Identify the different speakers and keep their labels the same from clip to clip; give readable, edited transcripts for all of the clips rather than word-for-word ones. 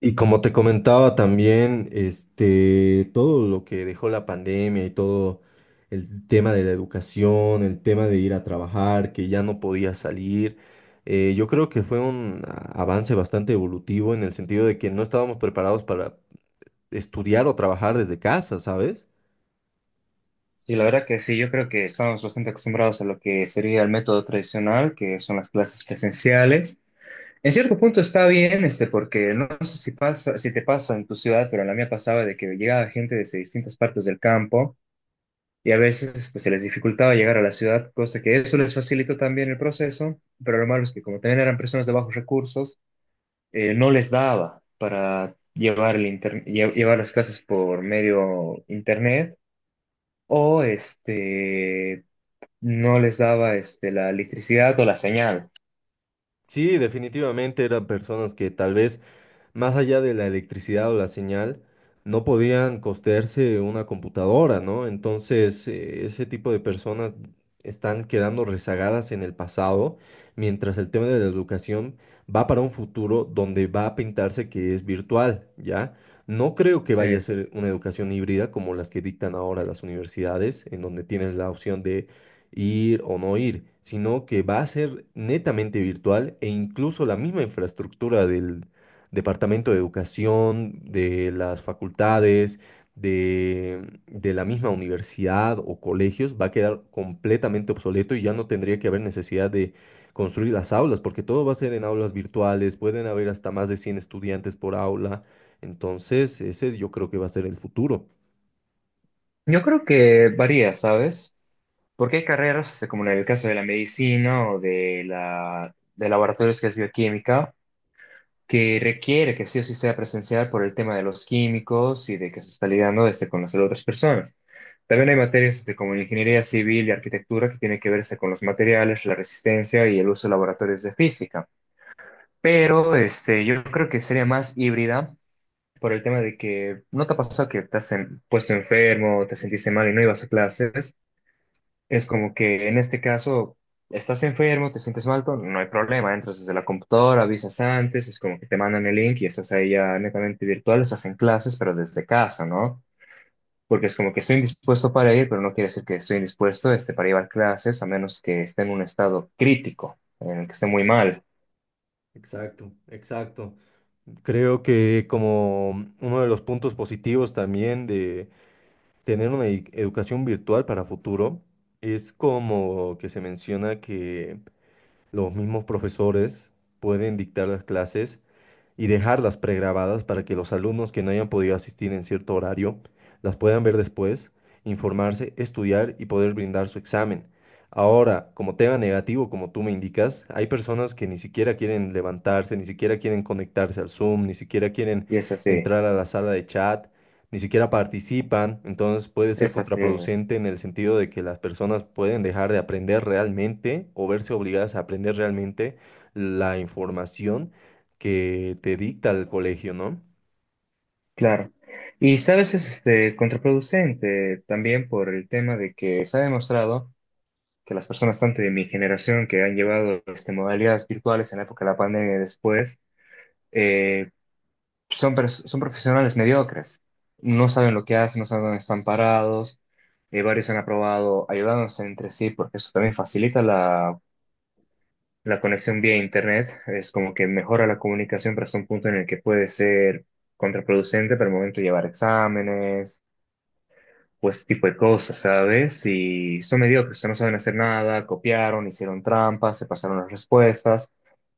Speaker 1: Y como te comentaba también, todo lo que dejó la pandemia y todo el tema de la educación, el tema de ir a trabajar, que ya no podía salir. Yo creo que fue un avance bastante evolutivo en el sentido de que no estábamos preparados para estudiar o trabajar desde casa, ¿sabes?
Speaker 2: Sí, la verdad que sí, yo creo que estamos bastante acostumbrados a lo que sería el método tradicional, que son las clases presenciales. En cierto punto está bien, porque no sé si pasa, si te pasa en tu ciudad, pero en la mía pasaba de que llegaba gente desde distintas partes del campo y a veces se les dificultaba llegar a la ciudad, cosa que eso les facilitó también el proceso, pero lo malo es que como también eran personas de bajos recursos, no les daba para llevar, llevar las clases por medio internet o no les daba la electricidad o la señal.
Speaker 1: Sí, definitivamente eran personas que tal vez más allá de la electricidad o la señal, no podían costearse una computadora, ¿no? Entonces, ese tipo de personas están quedando rezagadas en el pasado, mientras el tema de la educación va para un futuro donde va a pintarse que es virtual, ¿ya? No creo que
Speaker 2: Sí.
Speaker 1: vaya a ser una educación híbrida como las que dictan ahora las universidades, en donde tienes la opción de ir o no ir, sino que va a ser netamente virtual e incluso la misma infraestructura del departamento de educación, de las facultades, de la misma universidad o colegios, va a quedar completamente obsoleto y ya no tendría que haber necesidad de construir las aulas, porque todo va a ser en aulas virtuales, pueden haber hasta más de 100 estudiantes por aula. Entonces ese yo creo que va a ser el futuro.
Speaker 2: Yo creo que varía, ¿sabes? Porque hay carreras, como en el caso de la medicina o de de laboratorios que es bioquímica, que requiere que sí o sí sea presencial por el tema de los químicos y de que se está lidiando con las de otras personas. También hay materias como en ingeniería civil y arquitectura que tienen que verse con los materiales, la resistencia y el uso de laboratorios de física. Pero yo creo que sería más híbrida por el tema de que no te ha pasado que puesto enfermo, te sentiste mal y no ibas a clases. Es como que en este caso estás enfermo, te sientes mal, todo, no hay problema, entras desde la computadora, avisas antes, es como que te mandan el link y estás ahí ya netamente virtual, estás en clases, pero desde casa, ¿no? Porque es como que estoy indispuesto para ir, pero no quiere decir que estoy indispuesto para llevar clases, a menos que esté en un estado crítico, en el que esté muy mal.
Speaker 1: Exacto, exacto. Creo que como uno de los puntos positivos también de tener una educación virtual para futuro es como que se menciona que los mismos profesores pueden dictar las clases y dejarlas pregrabadas para que los alumnos que no hayan podido asistir en cierto horario las puedan ver después, informarse, estudiar y poder brindar su examen. Ahora, como tema negativo, como tú me indicas, hay personas que ni siquiera quieren levantarse, ni siquiera quieren conectarse al Zoom, ni siquiera quieren
Speaker 2: Y es así,
Speaker 1: entrar a la sala de chat, ni siquiera participan. Entonces puede ser
Speaker 2: es así.
Speaker 1: contraproducente en el sentido de que las personas pueden dejar de aprender realmente o verse obligadas a aprender realmente la información que te dicta el colegio, ¿no?
Speaker 2: Claro. Y sabes, es contraproducente también por el tema de que se ha demostrado que las personas tanto de mi generación que han llevado modalidades virtuales en la época de la pandemia y después, eh, son, son profesionales mediocres. No saben lo que hacen, no saben dónde están parados. Varios han aprobado ayudándose entre sí porque eso también facilita la conexión vía internet. Es como que mejora la comunicación, pero es un punto en el que puede ser contraproducente para el momento de llevar exámenes pues tipo de cosas, ¿sabes? Y son mediocres, no saben hacer nada, copiaron, hicieron trampas, se pasaron las respuestas.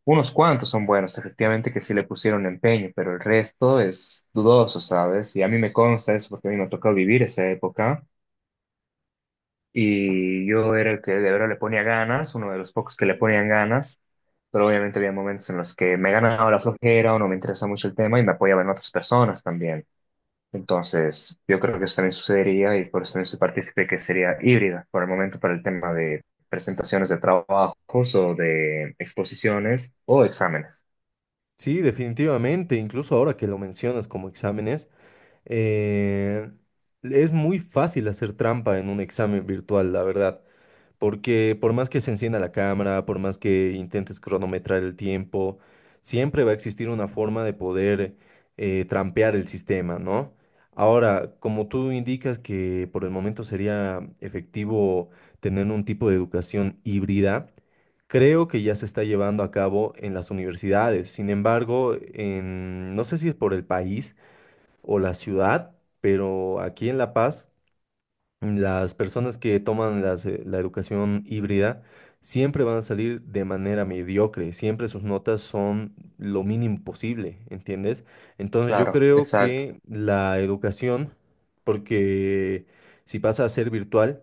Speaker 2: Unos cuantos son buenos, efectivamente, que sí le pusieron empeño, pero el resto es dudoso, ¿sabes? Y a mí me consta eso porque a mí me ha tocado vivir esa época y yo era el que de verdad le ponía ganas, uno de los pocos que le ponían ganas, pero obviamente había momentos en los que me ganaba la flojera o no me interesaba mucho el tema y me apoyaba en otras personas también. Entonces, yo creo que eso también sucedería y por eso también soy partícipe que sería híbrida por el momento para el tema de presentaciones de trabajos o de exposiciones o exámenes.
Speaker 1: Sí, definitivamente, incluso ahora que lo mencionas como exámenes, eh, es muy fácil hacer trampa en un examen virtual, la verdad, porque por más que se encienda la cámara, por más que intentes cronometrar el tiempo, siempre va a existir una forma de poder trampear el sistema, ¿no? Ahora, como tú indicas que por el momento sería efectivo tener un tipo de educación híbrida, creo que ya se está llevando a cabo en las universidades. Sin embargo, en, no sé si es por el país o la ciudad, pero aquí en La Paz las personas que toman las, la educación híbrida siempre van a salir de manera mediocre, siempre sus notas son lo mínimo posible, ¿entiendes? Entonces yo
Speaker 2: Claro,
Speaker 1: creo
Speaker 2: exacto.
Speaker 1: que la educación, porque si pasa a ser virtual,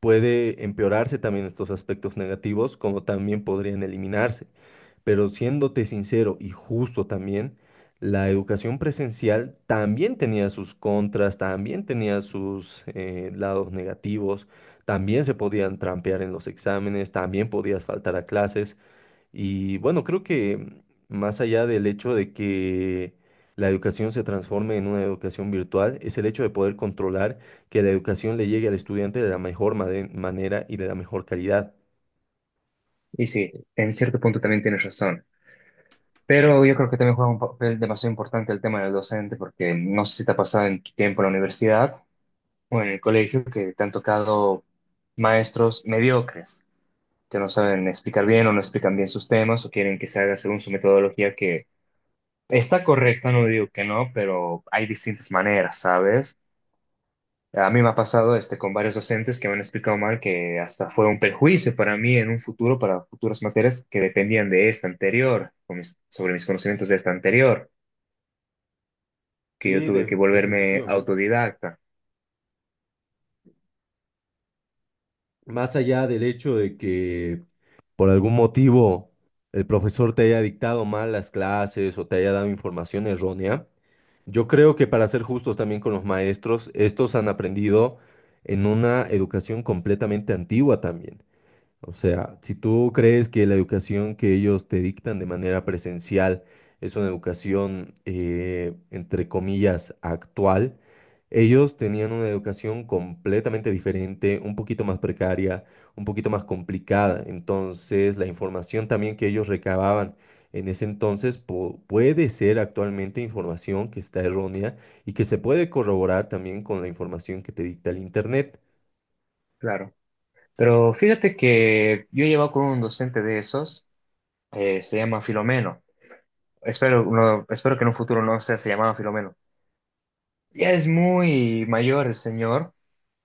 Speaker 1: puede empeorarse también estos aspectos negativos, como también podrían eliminarse. Pero siéndote sincero y justo también, la educación presencial también tenía sus contras, también tenía sus lados negativos, también se podían trampear en los exámenes, también podías faltar a clases. Y bueno, creo que más allá del hecho de que la educación se transforme en una educación virtual, es el hecho de poder controlar que la educación le llegue al estudiante de la mejor manera y de la mejor calidad.
Speaker 2: Y sí, en cierto punto también tienes razón. Pero yo creo que también juega un papel demasiado importante el tema del docente porque no sé si te ha pasado en tu tiempo en la universidad o en el colegio que te han tocado maestros mediocres que no saben explicar bien o no explican bien sus temas o quieren que se haga según su metodología que está correcta, no digo que no, pero hay distintas maneras, ¿sabes? A mí me ha pasado con varios docentes que me han explicado mal que hasta fue un perjuicio para mí en un futuro, para futuras materias que dependían de esta anterior, sobre mis conocimientos de esta anterior, que yo
Speaker 1: Sí,
Speaker 2: tuve que volverme
Speaker 1: definitivamente.
Speaker 2: autodidacta.
Speaker 1: Más allá del hecho de que por algún motivo el profesor te haya dictado mal las clases o te haya dado información errónea, yo creo que para ser justos también con los maestros, estos han aprendido en una educación completamente antigua también. O sea, si tú crees que la educación que ellos te dictan de manera presencial es una educación, entre comillas, actual, ellos tenían una educación completamente diferente, un poquito más precaria, un poquito más complicada. Entonces, la información también que ellos recababan en ese entonces puede ser actualmente información que está errónea y que se puede corroborar también con la información que te dicta el Internet.
Speaker 2: Claro. Pero fíjate que yo he llevado con un docente de esos, se llama Filomeno. Espero, espero que en un futuro no sea, se llamaba Filomeno. Ya es muy mayor el señor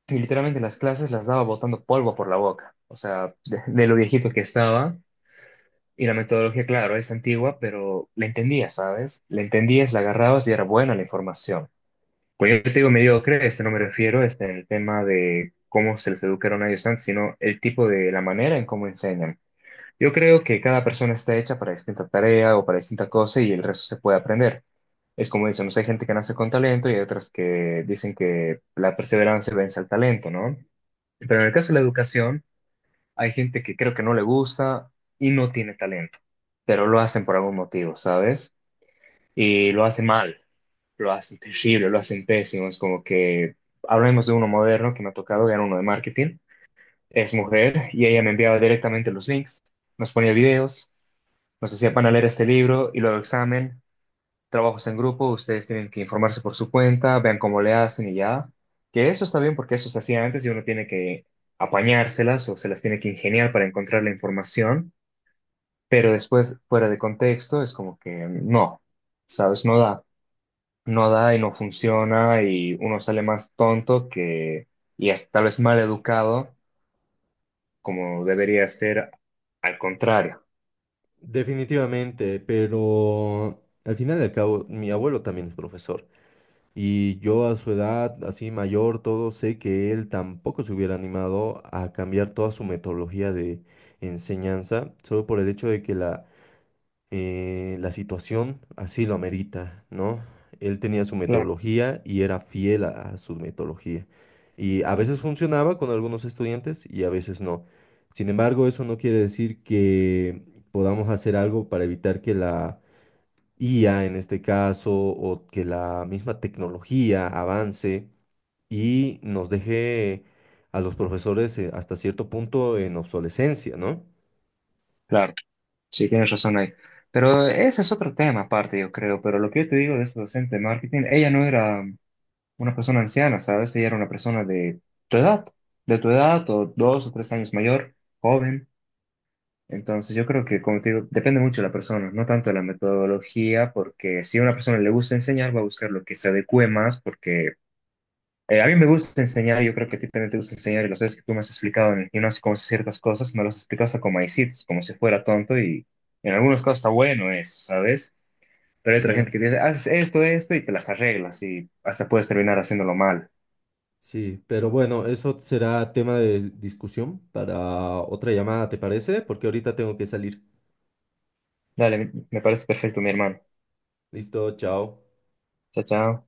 Speaker 2: que literalmente las clases las daba botando polvo por la boca, o sea, de lo viejito que estaba. Y la metodología, claro, es antigua, pero la entendías, ¿sabes? La entendías, la agarrabas y era buena la información. Pues yo te digo mediocre, no me refiero en el tema de cómo se les educaron a ellos antes, sino el tipo de la manera en cómo enseñan. Yo creo que cada persona está hecha para distinta tarea o para distinta cosa y el resto se puede aprender. Es como dicen, no sé, hay gente que nace con talento y hay otras que dicen que la perseverancia vence al talento, ¿no? Pero en el caso de la educación, hay gente que creo que no le gusta y no tiene talento, pero lo hacen por algún motivo, ¿sabes? Y lo hacen mal, lo hacen terrible, lo hacen pésimo. Es como que hablemos de uno moderno que me ha tocado, era uno de marketing, es mujer y ella me enviaba directamente los links, nos ponía videos, nos hacía para leer este libro y luego examen, trabajos en grupo, ustedes tienen que informarse por su cuenta, vean cómo le hacen y ya. Que eso está bien porque eso se hacía antes y uno tiene que apañárselas o se las tiene que ingeniar para encontrar la información, pero después, fuera de contexto, es como que no, ¿sabes? No da, no da y no funciona y uno sale más tonto que, y hasta tal vez mal educado, como debería ser al contrario.
Speaker 1: Definitivamente, pero al final y al cabo, mi abuelo también es profesor y yo a su edad, así mayor, todo, sé que él tampoco se hubiera animado a cambiar toda su metodología de enseñanza, solo por el hecho de que la la situación así lo amerita, ¿no? Él tenía su
Speaker 2: Claro.
Speaker 1: metodología y era fiel a su metodología. Y a veces funcionaba con algunos estudiantes y a veces no. Sin embargo, eso no quiere decir que podamos hacer algo para evitar que la IA, en este caso, o que la misma tecnología avance y nos deje a los profesores, hasta cierto punto en obsolescencia, ¿no?
Speaker 2: Claro. Sí, tienes razón ahí. Pero ese es otro tema aparte, yo creo. Pero lo que yo te digo de esta docente de marketing, ella no era una persona anciana, ¿sabes? Ella era una persona tu edad, de tu edad o dos o tres años mayor, joven. Entonces yo creo que, como te digo, depende mucho de la persona, no tanto de la metodología, porque si a una persona le gusta enseñar, va a buscar lo que se adecue más, porque a mí me gusta enseñar, yo creo que a ti también te gusta enseñar, y las veces que tú me has explicado en el gimnasio cómo hacer ciertas cosas, me las explicas como maicitos, como si fuera tonto, y en algunos casos está bueno eso, ¿sabes? Pero hay otra gente
Speaker 1: Ya.
Speaker 2: que te dice, haces esto, esto, y te las arreglas, y hasta puedes terminar haciéndolo mal.
Speaker 1: Sí, pero bueno, eso será tema de discusión para otra llamada, ¿te parece? Porque ahorita tengo que salir.
Speaker 2: Dale, me parece perfecto, mi hermano.
Speaker 1: Listo, chao.
Speaker 2: Chao, chao.